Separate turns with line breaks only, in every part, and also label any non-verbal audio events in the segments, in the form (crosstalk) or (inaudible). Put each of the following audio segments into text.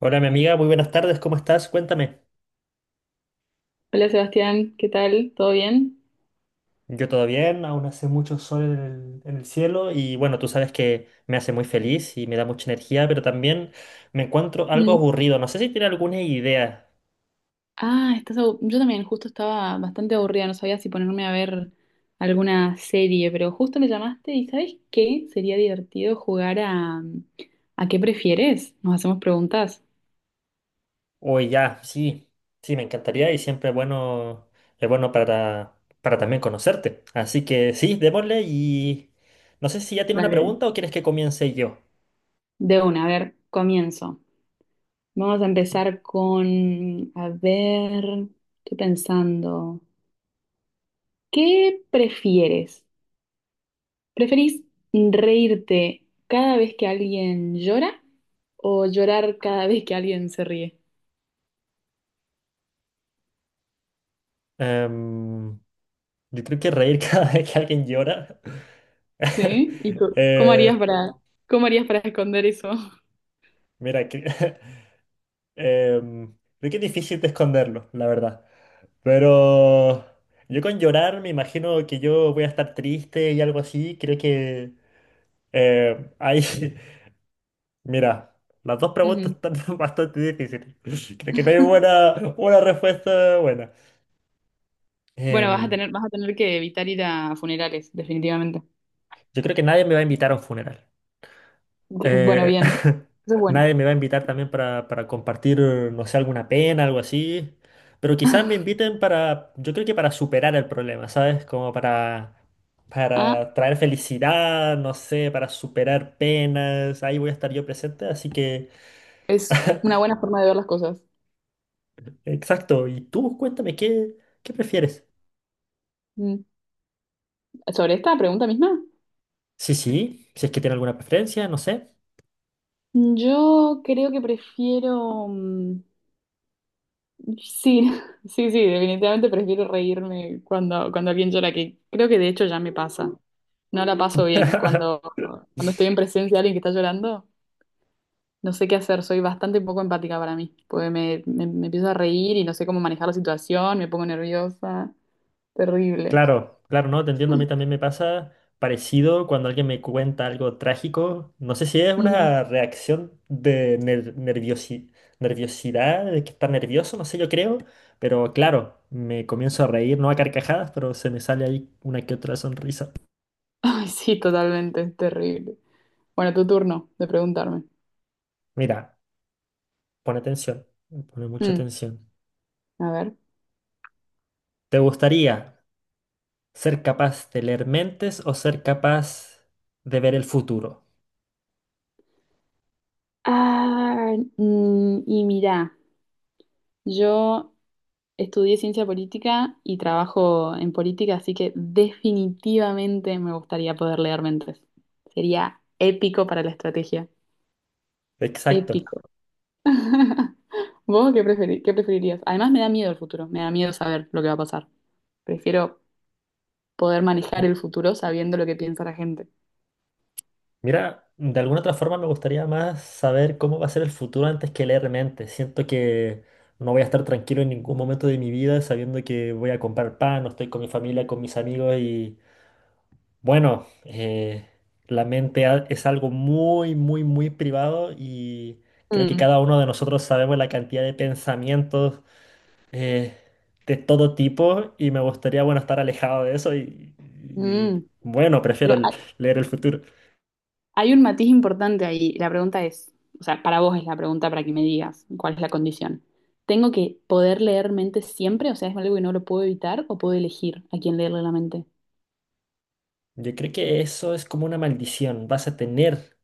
Hola, mi amiga, muy buenas tardes, ¿cómo estás? Cuéntame.
Hola Sebastián, ¿qué tal? ¿Todo bien?
Yo todo bien, aún hace mucho sol en el cielo y bueno, tú sabes que me hace muy feliz y me da mucha energía, pero también me encuentro algo
Mm.
aburrido. No sé si tiene alguna idea.
Ah, yo también, justo estaba bastante aburrida, no sabía si ponerme a ver alguna serie, pero justo me llamaste y ¿sabes qué? Sería divertido jugar ¿a qué prefieres? Nos hacemos preguntas.
O ya, sí, me encantaría y siempre es bueno para también conocerte. Así que sí, démosle y no sé si ya tiene una
Dale.
pregunta o quieres que comience yo.
De una, a ver, comienzo. Vamos a empezar con, a ver, estoy pensando, ¿qué prefieres? ¿Preferís reírte cada vez que alguien llora o llorar cada vez que alguien se ríe?
Em, yo creo que reír (laughs) cada vez que alguien llora. (laughs)
¿Sí? ¿Y
Eh,
cómo harías para esconder eso?
Mira, (laughs) creo que es difícil de esconderlo, la verdad. Pero yo con llorar me imagino que yo voy a estar triste y algo así. Creo que hay... (laughs) Mira, las dos preguntas
Ujú.
están (laughs) bastante difíciles. Creo que no hay buena, una respuesta buena.
Bueno,
Em,
vas a tener que evitar ir a funerales, definitivamente.
yo creo que nadie me va a invitar a un funeral.
Bueno,
Eh,
bien. Eso
(laughs)
es bueno.
nadie me va a invitar también para compartir, no sé, alguna pena, algo así. Pero quizás me inviten para, yo creo que para superar el problema, ¿sabes?
Ah,
Para traer felicidad, no sé, para superar penas. Ahí voy a estar yo presente, así que,
es una buena forma de ver las cosas.
exacto. Y tú, cuéntame, ¿qué prefieres?
Mm. ¿Sobre esta pregunta misma?
Sí, sí, si es que tiene alguna preferencia, no sé.
Yo creo que prefiero. Sí, (laughs) sí, sí, definitivamente prefiero reírme cuando, cuando alguien llora, que creo que de hecho ya me pasa. No la paso bien. Cuando,
(laughs)
cuando estoy en presencia de alguien que está llorando, no sé qué hacer, soy bastante poco empática para mí, porque me empiezo a reír y no sé cómo manejar la situación, me pongo nerviosa, terrible.
Claro, claro, no, te entiendo, a mí también me pasa parecido cuando alguien me cuenta algo trágico. No sé si es
Ujú.
una reacción de nerviosidad, de que está nervioso, no sé, yo creo, pero claro, me comienzo a reír, no a carcajadas, pero se me sale ahí una que otra sonrisa.
(laughs) Ay, sí, totalmente, es terrible. Bueno, tu turno de preguntarme.
Mira, pone atención, pone mucha
Mm,
atención.
a ver.
¿Te gustaría ser capaz de leer mentes o ser capaz de ver el futuro?
Ah, y mira, yo... Estudié ciencia política y trabajo en política, así que definitivamente me gustaría poder leer mentes. Sería épico para la estrategia.
Exacto.
Épico. (laughs) ¿Vos qué qué preferirías? Además me da miedo el futuro, me da miedo saber lo que va a pasar. Prefiero poder manejar el futuro sabiendo lo que piensa la gente.
Mira, de alguna otra forma me gustaría más saber cómo va a ser el futuro antes que leer mentes. Siento que no voy a estar tranquilo en ningún momento de mi vida sabiendo que voy a comprar pan, no estoy con mi familia, con mis amigos y bueno, es algo muy, muy, muy privado y creo que
Mm,
cada uno de nosotros sabemos la cantidad de pensamientos eh, de todo tipo y me gustaría, bueno, estar alejado de eso y
mm.
bueno, prefiero
Pero, ah,
leer el futuro.
hay un matiz importante ahí. La pregunta es, o sea, para vos es la pregunta para que me digas cuál es la condición. ¿Tengo que poder leer mentes siempre? O sea, ¿es algo que no lo puedo evitar o puedo elegir a quién leerle la mente?
Yo creo que eso es como una maldición. Vas a tener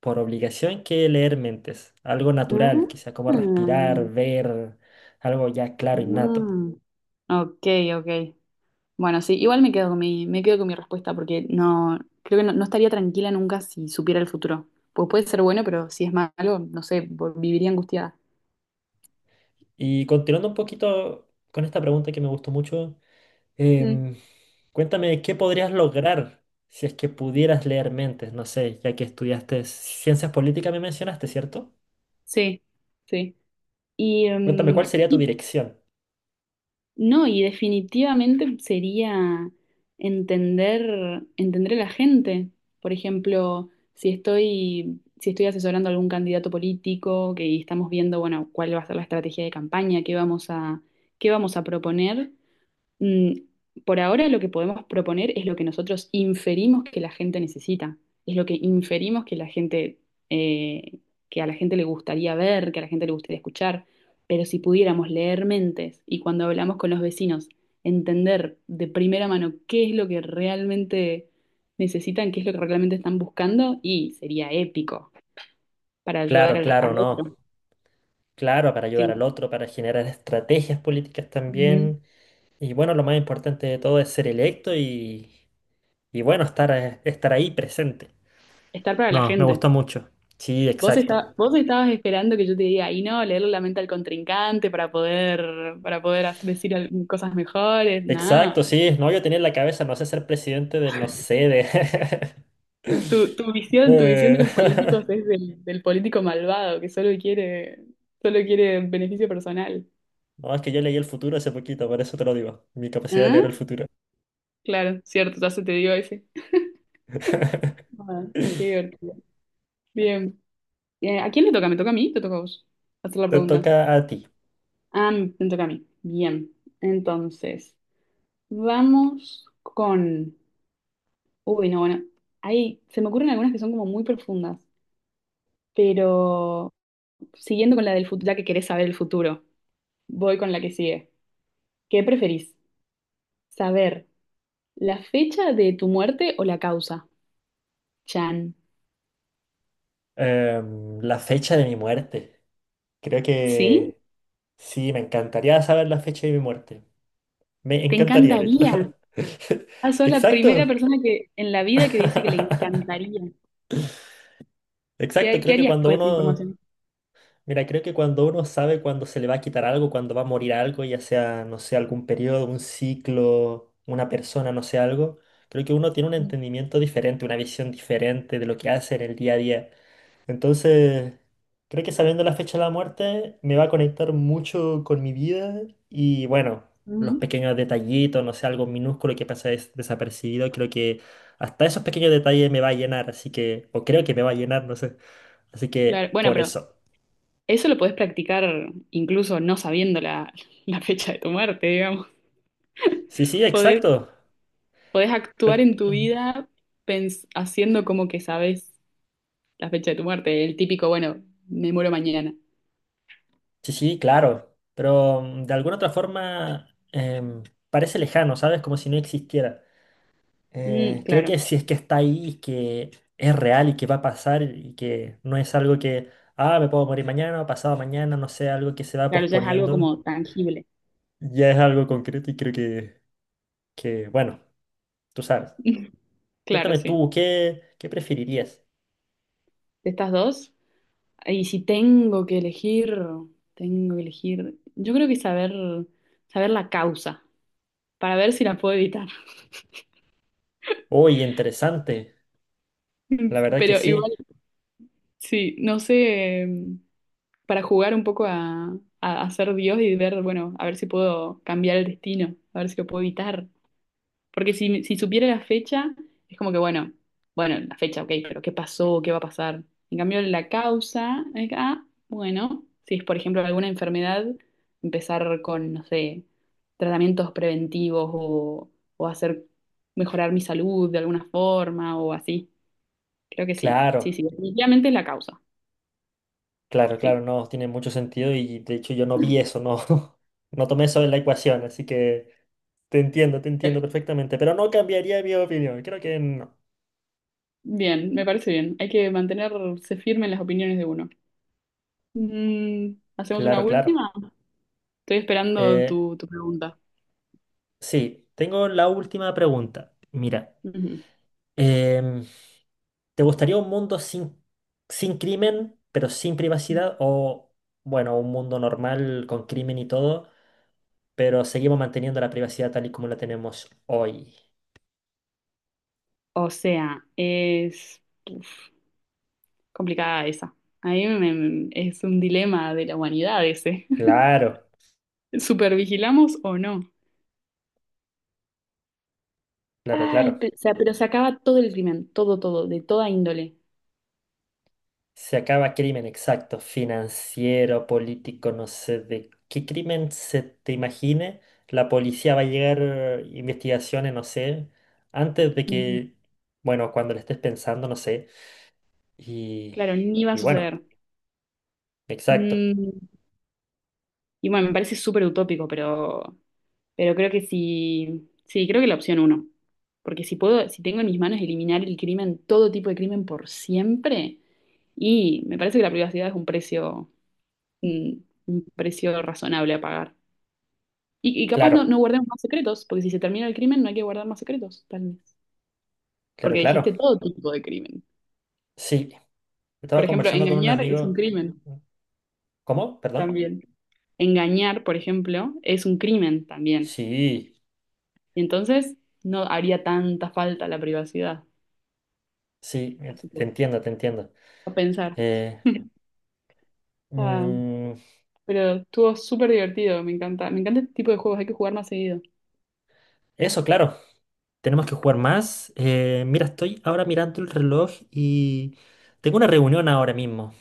por obligación que leer mentes, algo natural, quizá como
Mm,
respirar, ver, algo ya claro, innato.
mm. Ok, ok. Bueno, sí, igual me quedo con mi, me quedo con mi respuesta porque no, creo que no, no estaría tranquila nunca si supiera el futuro. Pues puede ser bueno, pero si es malo, no sé, viviría angustiada.
Y continuando un poquito con esta pregunta que me gustó mucho,
Mm,
em, cuéntame, ¿qué podrías lograr si es que pudieras leer mentes? No sé, ya que estudiaste ciencias políticas, me mencionaste, ¿cierto?
sí, sí. Y,
Cuéntame, ¿cuál sería tu
y
dirección?
no, y definitivamente sería entender, entender a la gente. Por ejemplo, si estoy, si estoy asesorando a algún candidato político que y estamos viendo, bueno, cuál va a ser la estrategia de campaña, qué vamos a proponer, Mm, por ahora lo que podemos proponer es lo que nosotros inferimos que la gente necesita, es lo que inferimos que la gente, eh, que a la gente le gustaría ver, que a la gente le gustaría escuchar. Pero si pudiéramos leer mentes y cuando hablamos con los vecinos, entender de primera mano qué es lo que realmente necesitan, qué es lo que realmente están buscando, y sería épico para ayudar
Claro,
al,
claro,
al otro.
no. Claro, para
Sí.
ayudar al otro, para generar estrategias políticas
Ujú.
también. Y bueno, lo más importante de todo es ser electo y bueno, estar, estar ahí presente.
Estar para la
No, me
gente.
gustó mucho. Sí,
Vos,
exacto.
vos estabas esperando que yo te diga, y no, leer la mente al contrincante para poder decir cosas mejores,
Exacto,
nada.
sí. No, yo tenía en la cabeza, no sé, ser presidente del, no sé, de...
Tu,
(laughs)
tu visión de
de-
los políticos
(laughs)
es del, del político malvado que solo quiere beneficio personal.
No, es que yo leí el futuro hace poquito, por eso te lo digo. Mi capacidad de leer
¿Ah?
el futuro.
Claro, cierto, ya se te dio ese.
(laughs)
Ah, qué divertido. Bien. ¿A quién le toca? ¿Me toca a mí? ¿Te toca a vos? Hacer la
Te
pregunta.
toca a ti.
Ah, me toca a mí. Bien. Entonces, vamos con. Uy, no, bueno, ahí se me ocurren algunas que son como muy profundas, pero siguiendo con la del futuro, ya que querés saber el futuro, voy con la que sigue. ¿Qué preferís? ¿Saber la fecha de tu muerte o la causa? Chan.
La fecha de mi muerte. Creo
¿Sí?
que sí, me encantaría saber la fecha de mi muerte. Me
¿Te
encantaría, de hecho.
encantaría?
(laughs)
Ah, sos la primera
Exacto.
persona que en la vida que dice que le
(laughs)
encantaría.
Exacto,
¿Qué, qué
creo que
harías
cuando
con esa
uno,
información?
mira, creo que cuando uno sabe cuándo se le va a quitar algo, cuándo va a morir algo, ya sea, no sé, algún periodo, un ciclo, una persona, no sé, algo, creo que uno tiene un entendimiento diferente, una visión diferente de lo que hace en el día a día. Entonces, creo que sabiendo la fecha de la muerte me va a conectar mucho con mi vida y bueno, los
Ujú.
pequeños detallitos, no sé, algo minúsculo que pasa desapercibido, creo que hasta esos pequeños detalles me va a llenar, así que, o creo que me va a llenar, no sé. Así
Claro,
que,
bueno,
por
pero
eso.
eso lo podés practicar incluso no sabiendo la, la fecha de tu muerte, digamos.
Sí, sí,
Podés
exacto.
podés actuar
Pero-
en tu
ujú.
vida haciendo como que sabes la fecha de tu muerte, el típico, bueno, me muero mañana.
Sí, sí, claro. Pero de alguna otra forma parece lejano, ¿sabes? Como si no existiera.
Mm,
Creo
claro,
que si es que está ahí, y que es real y que va a pasar y que no es algo que, ah, me puedo morir mañana, pasado mañana, no sé, algo que se va
claro, ya es algo
posponiendo,
como tangible.
ya es algo concreto y creo que bueno, tú sabes.
(laughs) Claro,
Cuéntame
sí.
tú, ¿qué preferirías?
De estas dos. Y si tengo que elegir, tengo que elegir. Yo creo que saber, saber la causa, para ver si la puedo evitar.
Oye, interesante, la
(laughs)
verdad que
Pero
sí,
igual, sí, no sé, para jugar un poco a, a ser Dios y ver, bueno, a ver si puedo cambiar el destino, a ver si lo puedo evitar. Porque si, si supiera la fecha, es como que, bueno, bueno, la fecha, ok, pero ¿qué pasó? ¿Qué va a pasar? En cambio, la causa es, ah, bueno, si es, por ejemplo, alguna enfermedad, empezar con, no sé, tratamientos preventivos o hacer mejorar mi salud de alguna forma o así. Creo que sí, sí,
claro,
sí, definitivamente es la causa,
claro,
sí.
claro, no, tiene mucho sentido y de hecho yo no vi eso, no, (laughs) no tomé eso en la ecuación, así que te entiendo
Eh,
perfectamente, pero no cambiaría mi opinión, creo que no.
Bien, me parece bien. Hay que mantenerse firme en las opiniones de uno. Mm, ¿hacemos una
Claro, claro.
última? Estoy esperando
Eh,
tu, tu pregunta.
sí, tengo la última pregunta. Mira,
Ujú.
em, ¿te gustaría un mundo sin crimen, pero sin privacidad? O, bueno, un mundo normal con crimen y todo, pero seguimos manteniendo la privacidad tal y como la tenemos hoy.
O sea, es uf, complicada esa. A mí es un dilema de la humanidad ese. (laughs)
Claro,
¿Supervigilamos o no?
claro,
Ay,
claro.
o sea, pero se acaba todo el crimen, todo, todo, de toda índole.
Se acaba crimen, exacto, financiero, político, no sé de qué crimen se te imagine. La policía va a llegar investigaciones, no sé, antes de
Ujú.
que, bueno, cuando le estés pensando, no sé. Y,
Claro, ni va a
y bueno,
suceder.
exacto.
Mm, y bueno, me parece súper utópico, pero creo que sí, sí, creo que la opción uno. Porque si puedo, si tengo en mis manos eliminar el crimen, todo tipo de crimen por siempre, y me parece que la privacidad es un precio razonable a pagar. Y capaz no, no
Claro,
guardemos más secretos, porque si se termina el crimen no hay que guardar más secretos, tal vez.
claro,
Porque dijiste
claro.
todo tipo de crimen.
Sí,
Por
estaba
ejemplo,
conversando con un
engañar es un
amigo.
crimen
¿Cómo? Perdón.
también. Engañar, por ejemplo, es un crimen también.
Sí,
Y entonces no haría tanta falta la privacidad.
sí,
Así que
te entiendo, te entiendo.
a pensar.
Eh,
(laughs) Ah,
mm,
pero estuvo súper divertido, me encanta. Me encanta este tipo de juegos, hay que jugar más seguido.
eso, claro. Tenemos que jugar más. Mira, estoy ahora mirando el reloj y tengo una reunión ahora mismo.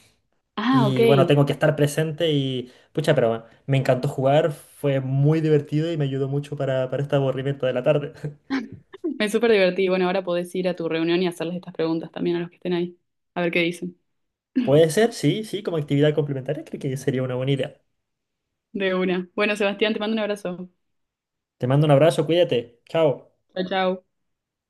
Ah, ok.
Y bueno, tengo que estar presente y pucha, pero me encantó jugar, fue muy divertido y me ayudó mucho para este aburrimiento de la tarde.
Me súper divertí. Bueno, ahora podés ir a tu reunión y hacerles estas preguntas también a los que estén ahí. A ver qué dicen.
(laughs) Puede ser, sí, sí, como actividad complementaria, creo que sería una buena idea.
De una. Bueno, Sebastián, te mando un abrazo.
Te mando un abrazo, cuídate. Chao.
Chao, chao.